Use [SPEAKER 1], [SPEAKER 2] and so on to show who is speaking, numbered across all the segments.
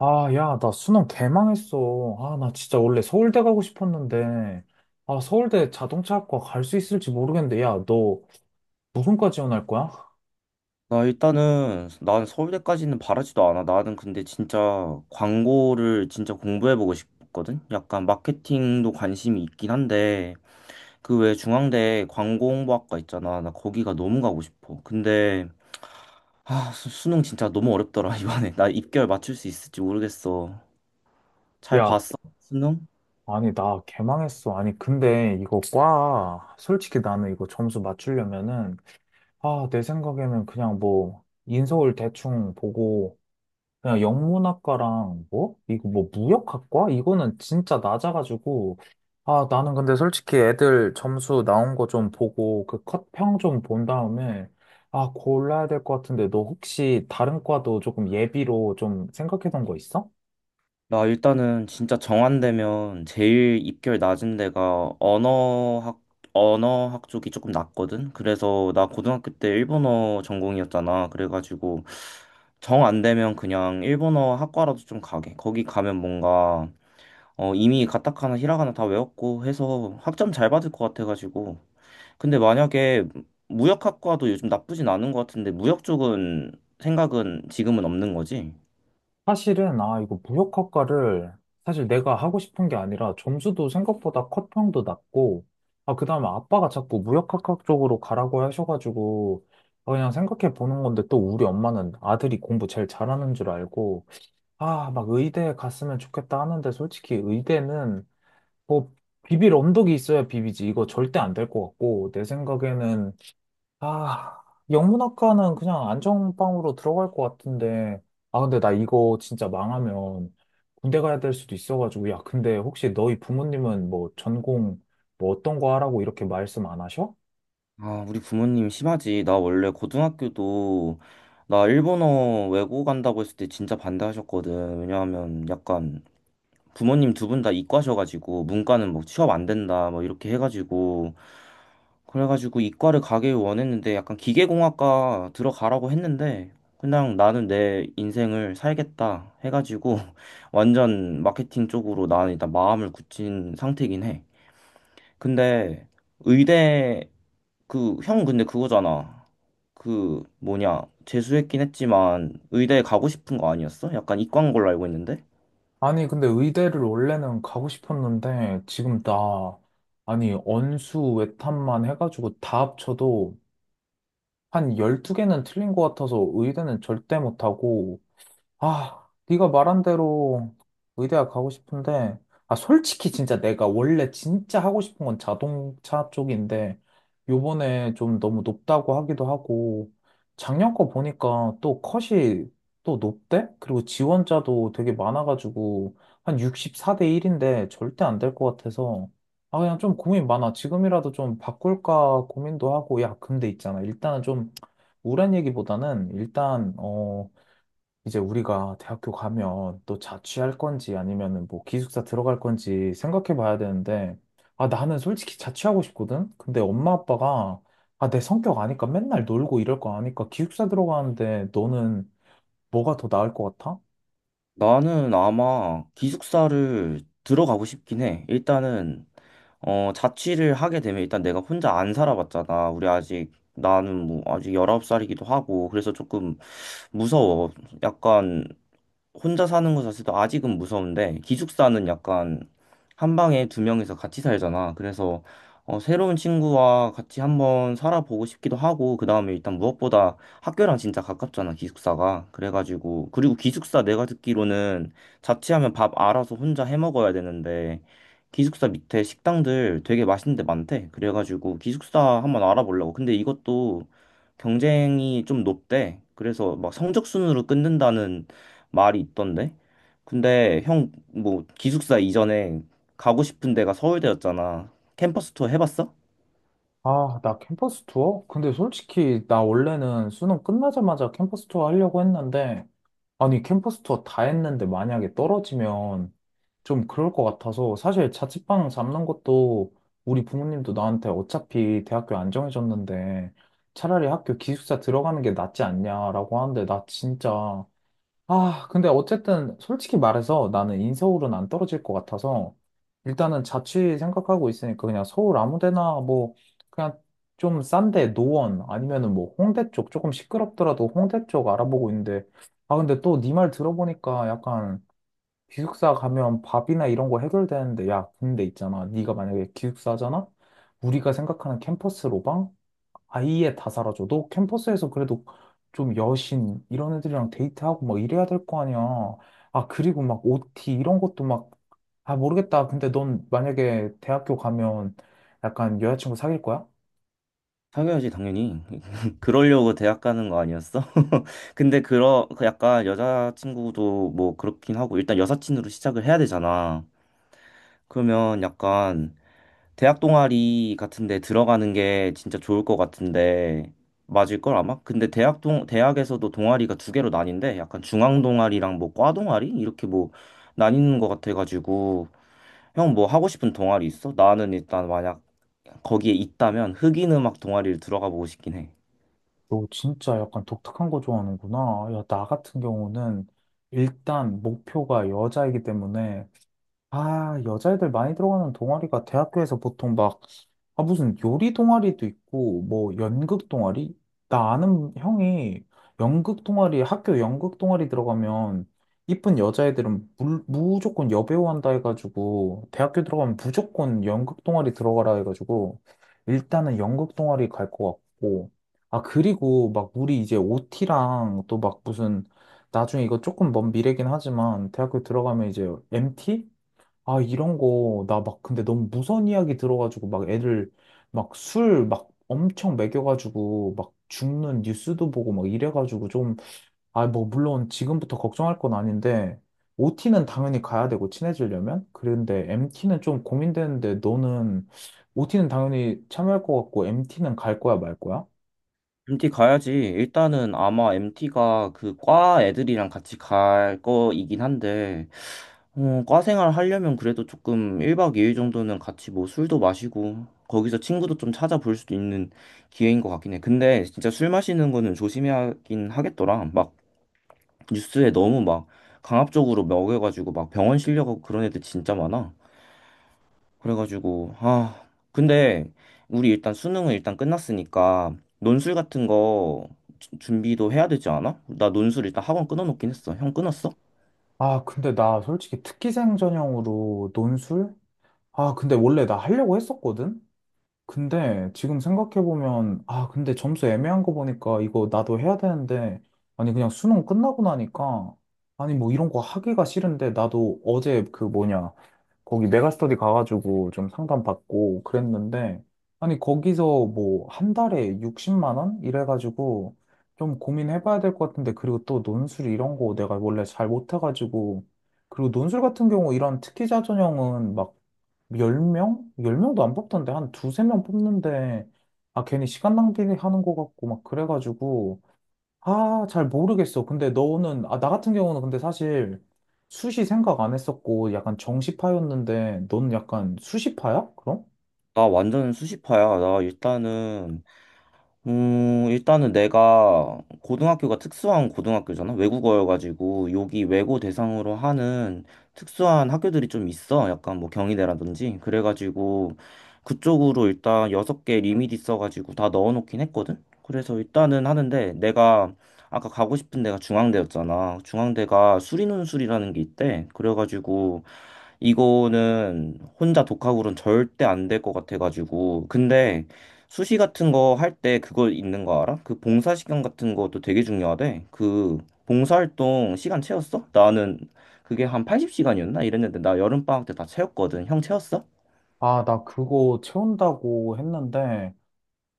[SPEAKER 1] 아, 야, 나 수능 개망했어. 아, 나 진짜 원래 서울대 가고 싶었는데, 아, 서울대 자동차학과 갈 수 있을지 모르겠는데, 야, 너 무슨과 지원할 거야?
[SPEAKER 2] 나 일단은 난 서울대까지는 바라지도 않아. 나는 근데 진짜 광고를 진짜 공부해보고 싶거든. 약간 마케팅도 관심이 있긴 한데 그 외에 중앙대 광고홍보학과 있잖아. 나 거기가 너무 가고 싶어. 근데 수능 진짜 너무 어렵더라 이번에. 나 입결 맞출 수 있을지 모르겠어. 잘
[SPEAKER 1] 야,
[SPEAKER 2] 봤어? 수능?
[SPEAKER 1] 아니, 나 개망했어. 아니, 근데 이거 과, 솔직히 나는 이거 점수 맞추려면은, 아, 내 생각에는 그냥 뭐, 인서울 대충 보고, 그냥 영문학과랑 뭐? 이거 뭐 무역학과? 이거는 진짜 낮아가지고 아 나는 근데 솔직히 애들 점수 나온 거 좀 보고 그 컷평 좀 본 다음에 아 골라야 될 것 같은데 너 혹시 다른 과도 조금 예비로 좀 생각해 놓은 거 있어?
[SPEAKER 2] 나 일단은 진짜 정한되면 제일 입결 낮은 데가 언어학, 언어학 쪽이 조금 낮거든? 그래서 나 고등학교 때 일본어 전공이었잖아. 그래가지고 정 안 되면 그냥 일본어 학과라도 좀 가게. 거기 가면 뭔가 이미 가타카나 히라가나 다 외웠고 해서 학점 잘 받을 것 같아가지고. 근데 만약에 무역학과도 요즘 나쁘진 않은 것 같은데 무역 쪽은 생각은 지금은 없는 거지?
[SPEAKER 1] 사실은, 아, 이거 무역학과를 사실 내가 하고 싶은 게 아니라 점수도 생각보다 컷평도 낮고, 아, 그 다음에 아빠가 자꾸 무역학과 쪽으로 가라고 하셔가지고, 아, 그냥 생각해 보는 건데 또 우리 엄마는 아들이 공부 제일 잘하는 줄 알고, 아, 막 의대에 갔으면 좋겠다 하는데 솔직히 의대는 뭐 비빌 언덕이 있어야 비비지. 이거 절대 안 될 것 같고, 내 생각에는 아, 영문학과는 그냥 안전빵으로 들어갈 것 같은데. 아, 근데 나 이거 진짜 망하면 군대 가야 될 수도 있어가지고. 야, 근데 혹시 너희 부모님은 뭐 전공 뭐 어떤 거 하라고 이렇게 말씀 안 하셔?
[SPEAKER 2] 아, 우리 부모님 심하지. 나 원래 고등학교도 나 일본어 외고 간다고 했을 때 진짜 반대하셨거든. 왜냐하면 약간 부모님 두 분 다 이과셔가지고 문과는 뭐 취업 안 된다 뭐 이렇게 해가지고 그래가지고 이과를 가길 원했는데 약간 기계공학과 들어가라고 했는데 그냥 나는 내 인생을 살겠다 해가지고 완전 마케팅 쪽으로 나는 일단 마음을 굳힌 상태긴 해. 근데 의대 그, 형 근데 그거잖아. 그, 뭐냐. 재수했긴 했지만 의대에 가고 싶은 거 아니었어? 약간 이과인 걸로 알고 있는데?
[SPEAKER 1] 아니, 근데 의대를 원래는 가고 싶었는데 지금 나, 아니, 언수, 외탐만 해가지고 다 합쳐도 한 12개는 틀린 것 같아서 의대는 절대 못하고 아, 네가 말한 대로 의대학 가고 싶은데, 아, 솔직히 진짜 내가 원래 진짜 하고 싶은 건 자동차 쪽인데, 요번에 좀 너무 높다고 하기도 하고, 작년 거 보니까 또 컷이 또 높대? 그리고 지원자도 되게 많아가지고, 한 64대 1인데 절대 안 될 것 같아서, 아, 그냥 좀 고민 많아. 지금이라도 좀 바꿀까 고민도 하고, 야, 근데 있잖아. 일단은 좀 우울한 얘기보다는 일단, 어, 이제 우리가 대학교 가면 또 자취할 건지 아니면은 뭐 기숙사 들어갈 건지 생각해 봐야 되는데, 아, 나는 솔직히 자취하고 싶거든? 근데 엄마 아빠가, 아, 내 성격 아니까 맨날 놀고 이럴 거 아니까 기숙사 들어가는데 너는 뭐가 더 나을 것 같아?
[SPEAKER 2] 나는 아마 기숙사를 들어가고 싶긴 해. 일단은, 자취를 하게 되면 일단 내가 혼자 안 살아봤잖아. 우리 아직, 나는 뭐, 아직 19살이기도 하고. 그래서 조금 무서워. 약간 혼자 사는 거 자체도 아직은 무서운데 기숙사는 약간 한 방에 두 명이서 같이 살잖아. 그래서 새로운 친구와 같이 한번 살아보고 싶기도 하고 그다음에 일단 무엇보다 학교랑 진짜 가깝잖아, 기숙사가. 그래가지고 그리고 기숙사 내가 듣기로는 자취하면 밥 알아서 혼자 해 먹어야 되는데 기숙사 밑에 식당들 되게 맛있는 데 많대. 그래가지고 기숙사 한번 알아보려고. 근데 이것도 경쟁이 좀 높대. 그래서 막 성적 순으로 끊는다는 말이 있던데. 근데 형, 뭐, 기숙사 이전에 가고 싶은 데가 서울대였잖아. 캠퍼스 투어 해봤어?
[SPEAKER 1] 아, 나 캠퍼스 투어? 근데 솔직히 나 원래는 수능 끝나자마자 캠퍼스 투어 하려고 했는데, 아니, 캠퍼스 투어 다 했는데 만약에 떨어지면 좀 그럴 것 같아서, 사실 자취방 잡는 것도 우리 부모님도 나한테 어차피 대학교 안 정해졌는데, 차라리 학교 기숙사 들어가는 게 낫지 않냐라고 하는데, 나 진짜 아, 근데 어쨌든 솔직히 말해서 나는 인서울은 안 떨어질 것 같아서 일단은 자취 생각하고 있으니까 그냥 서울 아무 데나 뭐 그냥 좀 싼데 노원 아니면은 뭐 홍대 쪽 조금 시끄럽더라도 홍대 쪽 알아보고 있는데 아, 근데 또 네 말 들어보니까 약간 기숙사 가면 밥이나 이런 거 해결되는데 야, 근데 있잖아. 네가 만약에 기숙사잖아? 우리가 생각하는 캠퍼스 로방? 아예 다 사라져도 캠퍼스에서 그래도 좀 여신 이런 애들이랑 데이트하고 막 이래야 될 거 아니야. 아, 그리고 막 OT 이런 것도 막, 아, 모르겠다. 근데 넌 만약에 대학교 가면 약간 여자친구 사귈 거야?
[SPEAKER 2] 사귀어야지, 당연히. 그러려고 대학 가는 거 아니었어? 근데 그 약간 여자친구도 뭐 그렇긴 하고, 일단 여사친으로 시작을 해야 되잖아. 그러면 약간 대학 동아리 같은데 들어가는 게 진짜 좋을 것 같은데 맞을걸 아마? 근데 대학에서도 동아리가 두 개로 나뉜데 약간 중앙 동아리랑 뭐 과 동아리 이렇게 뭐 나뉘는 것 같아가지고 형 뭐 하고 싶은 동아리 있어? 나는 일단 만약 거기에 있다면 흑인 음악 동아리를 들어가 보고 싶긴 해.
[SPEAKER 1] 너 진짜 약간 독특한 거 좋아하는구나. 야, 나 같은 경우는 일단 목표가 여자이기 때문에 아, 여자애들 많이 들어가는 동아리가 대학교에서 보통 막, 아, 무슨 요리 동아리도 있고, 뭐, 연극 동아리? 나 아는 형이 연극 동아리, 학교 연극 동아리 들어가면, 이쁜 여자애들은 무조건 여배우 한다 해가지고, 대학교 들어가면 무조건 연극 동아리 들어가라 해가지고, 일단은 연극 동아리 갈 것 같고, 아, 그리고 막 우리 이제 OT랑 또 막 무슨, 나중에 이거 조금 먼 미래긴 하지만, 대학교 들어가면 이제 MT? 아, 이런 거, 나 막, 근데 너무 무서운 이야기 들어가지고, 막 애들, 막 술, 막 엄청 먹여가지고, 막 죽는 뉴스도 보고, 막 이래가지고 좀, 아, 뭐, 물론 지금부터 걱정할 건 아닌데, OT는 당연히 가야 되고, 친해지려면? 그런데 MT는 좀 고민되는데, 너는, OT는 당연히 참여할 것 같고, MT는 갈 거야, 말 거야?
[SPEAKER 2] MT 가야지. 일단은 아마 MT가 그 과 애들이랑 같이 갈 거이긴 한데 과 생활 하려면 그래도 조금 1박 2일 정도는 같이 뭐 술도 마시고 거기서 친구도 좀 찾아볼 수도 있는 기회인 것 같긴 해. 근데 진짜 술 마시는 거는 조심해야긴 하겠더라. 막 뉴스에 너무 막 강압적으로 먹여가지고 막 병원 실려가고 그런 애들 진짜 많아. 그래가지고 아 근데 우리 일단 수능은 일단 끝났으니까 논술 같은 거 준비도 해야 되지 않아? 나 논술 일단 학원 끊어놓긴 했어. 형 끊었어?
[SPEAKER 1] 아, 근데 나 솔직히 특기생 전형으로 논술? 아, 근데 원래 나 하려고 했었거든? 근데 지금 생각해보면, 아, 근데 점수 애매한 거 보니까 이거 나도 해야 되는데, 아니, 그냥 수능 끝나고 나니까, 아니, 뭐 이런 거 하기가 싫은데, 나도 어제 그 뭐냐, 거기 메가스터디 가가지고 좀 상담받고 그랬는데, 아니, 거기서 뭐 한 달에 60만 원? 이래가지고 좀 고민해봐야 될 것 같은데, 그리고 또 논술 이런 거 내가 원래 잘 못해가지고, 그리고 논술 같은 경우 이런 특기자 전형은 막 열명열명도안 뽑던데, 한 두세 명 뽑는데, 아, 괜히 시간 낭비하는 것 같고, 막 그래가지고, 아, 잘 모르겠어. 근데 너는, 아, 나 같은 경우는 근데 사실 수시 생각 안 했었고, 약간 정시파였는데, 넌 약간 수시파야? 그럼?
[SPEAKER 2] 나 완전 수시파야. 나 일단은 일단은 내가 고등학교가 특수한 고등학교잖아. 외국어여가지고 여기 외고 대상으로 하는 특수한 학교들이 좀 있어. 약간 뭐 경희대라든지. 그래가지고 그쪽으로 일단 여섯 개 리밋 있어가지고 다 넣어놓긴 했거든. 그래서 일단은 하는데 내가 아까 가고 싶은 데가 중앙대였잖아. 중앙대가 수리논술이라는 게 있대. 그래가지고 이거는 혼자 독학으로는 절대 안 될 것 같아가지고. 근데 수시 같은 거 할 때 그거 있는 거 알아? 그 봉사 시간 같은 것도 되게 중요하대. 그 봉사활동 시간 채웠어? 나는 그게 한 80시간이었나? 이랬는데 나 여름방학 때 다 채웠거든. 형 채웠어?
[SPEAKER 1] 아, 나 그거 채운다고 했는데,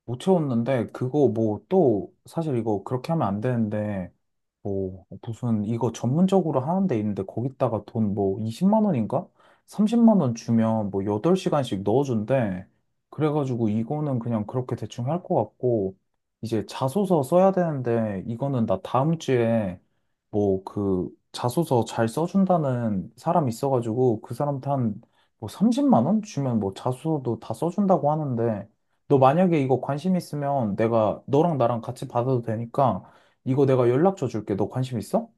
[SPEAKER 1] 못 채웠는데 그거 뭐 또 사실 이거 그렇게 하면 안 되는데 뭐 무슨 이거 전문적으로 하는 데 있는데 거기다가 돈 뭐 20만 원인가? 30만 원 주면 뭐 8시간씩 넣어준대. 그래가지고 이거는 그냥 그렇게 대충 할 것 같고 이제 자소서 써야 되는데 이거는 나 다음 주에 뭐 그 자소서 잘 써준다는 사람 있어가지고 그 사람한테 한뭐 30만 원 주면 뭐 자소서도 다 써준다고 하는데 너 만약에 이거 관심 있으면 내가 너랑 나랑 같이 받아도 되니까 이거 내가 연락줘 줄게. 너 관심 있어?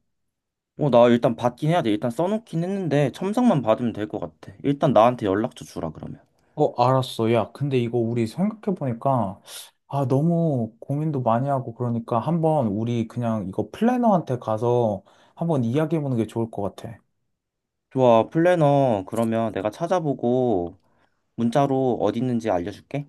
[SPEAKER 2] 어, 나 일단 받긴 해야 돼. 일단 써놓긴 했는데 첨삭만 받으면 될 것 같아. 일단 나한테 연락처 주라 그러면.
[SPEAKER 1] 어, 알았어. 야, 근데 이거 우리 생각해보니까 아, 너무 고민도 많이 하고 그러니까 한번 우리 그냥 이거 플래너한테 가서 한번 이야기해보는 게 좋을 것 같아.
[SPEAKER 2] 좋아, 플래너 그러면 내가 찾아보고 문자로 어디 있는지 알려줄게.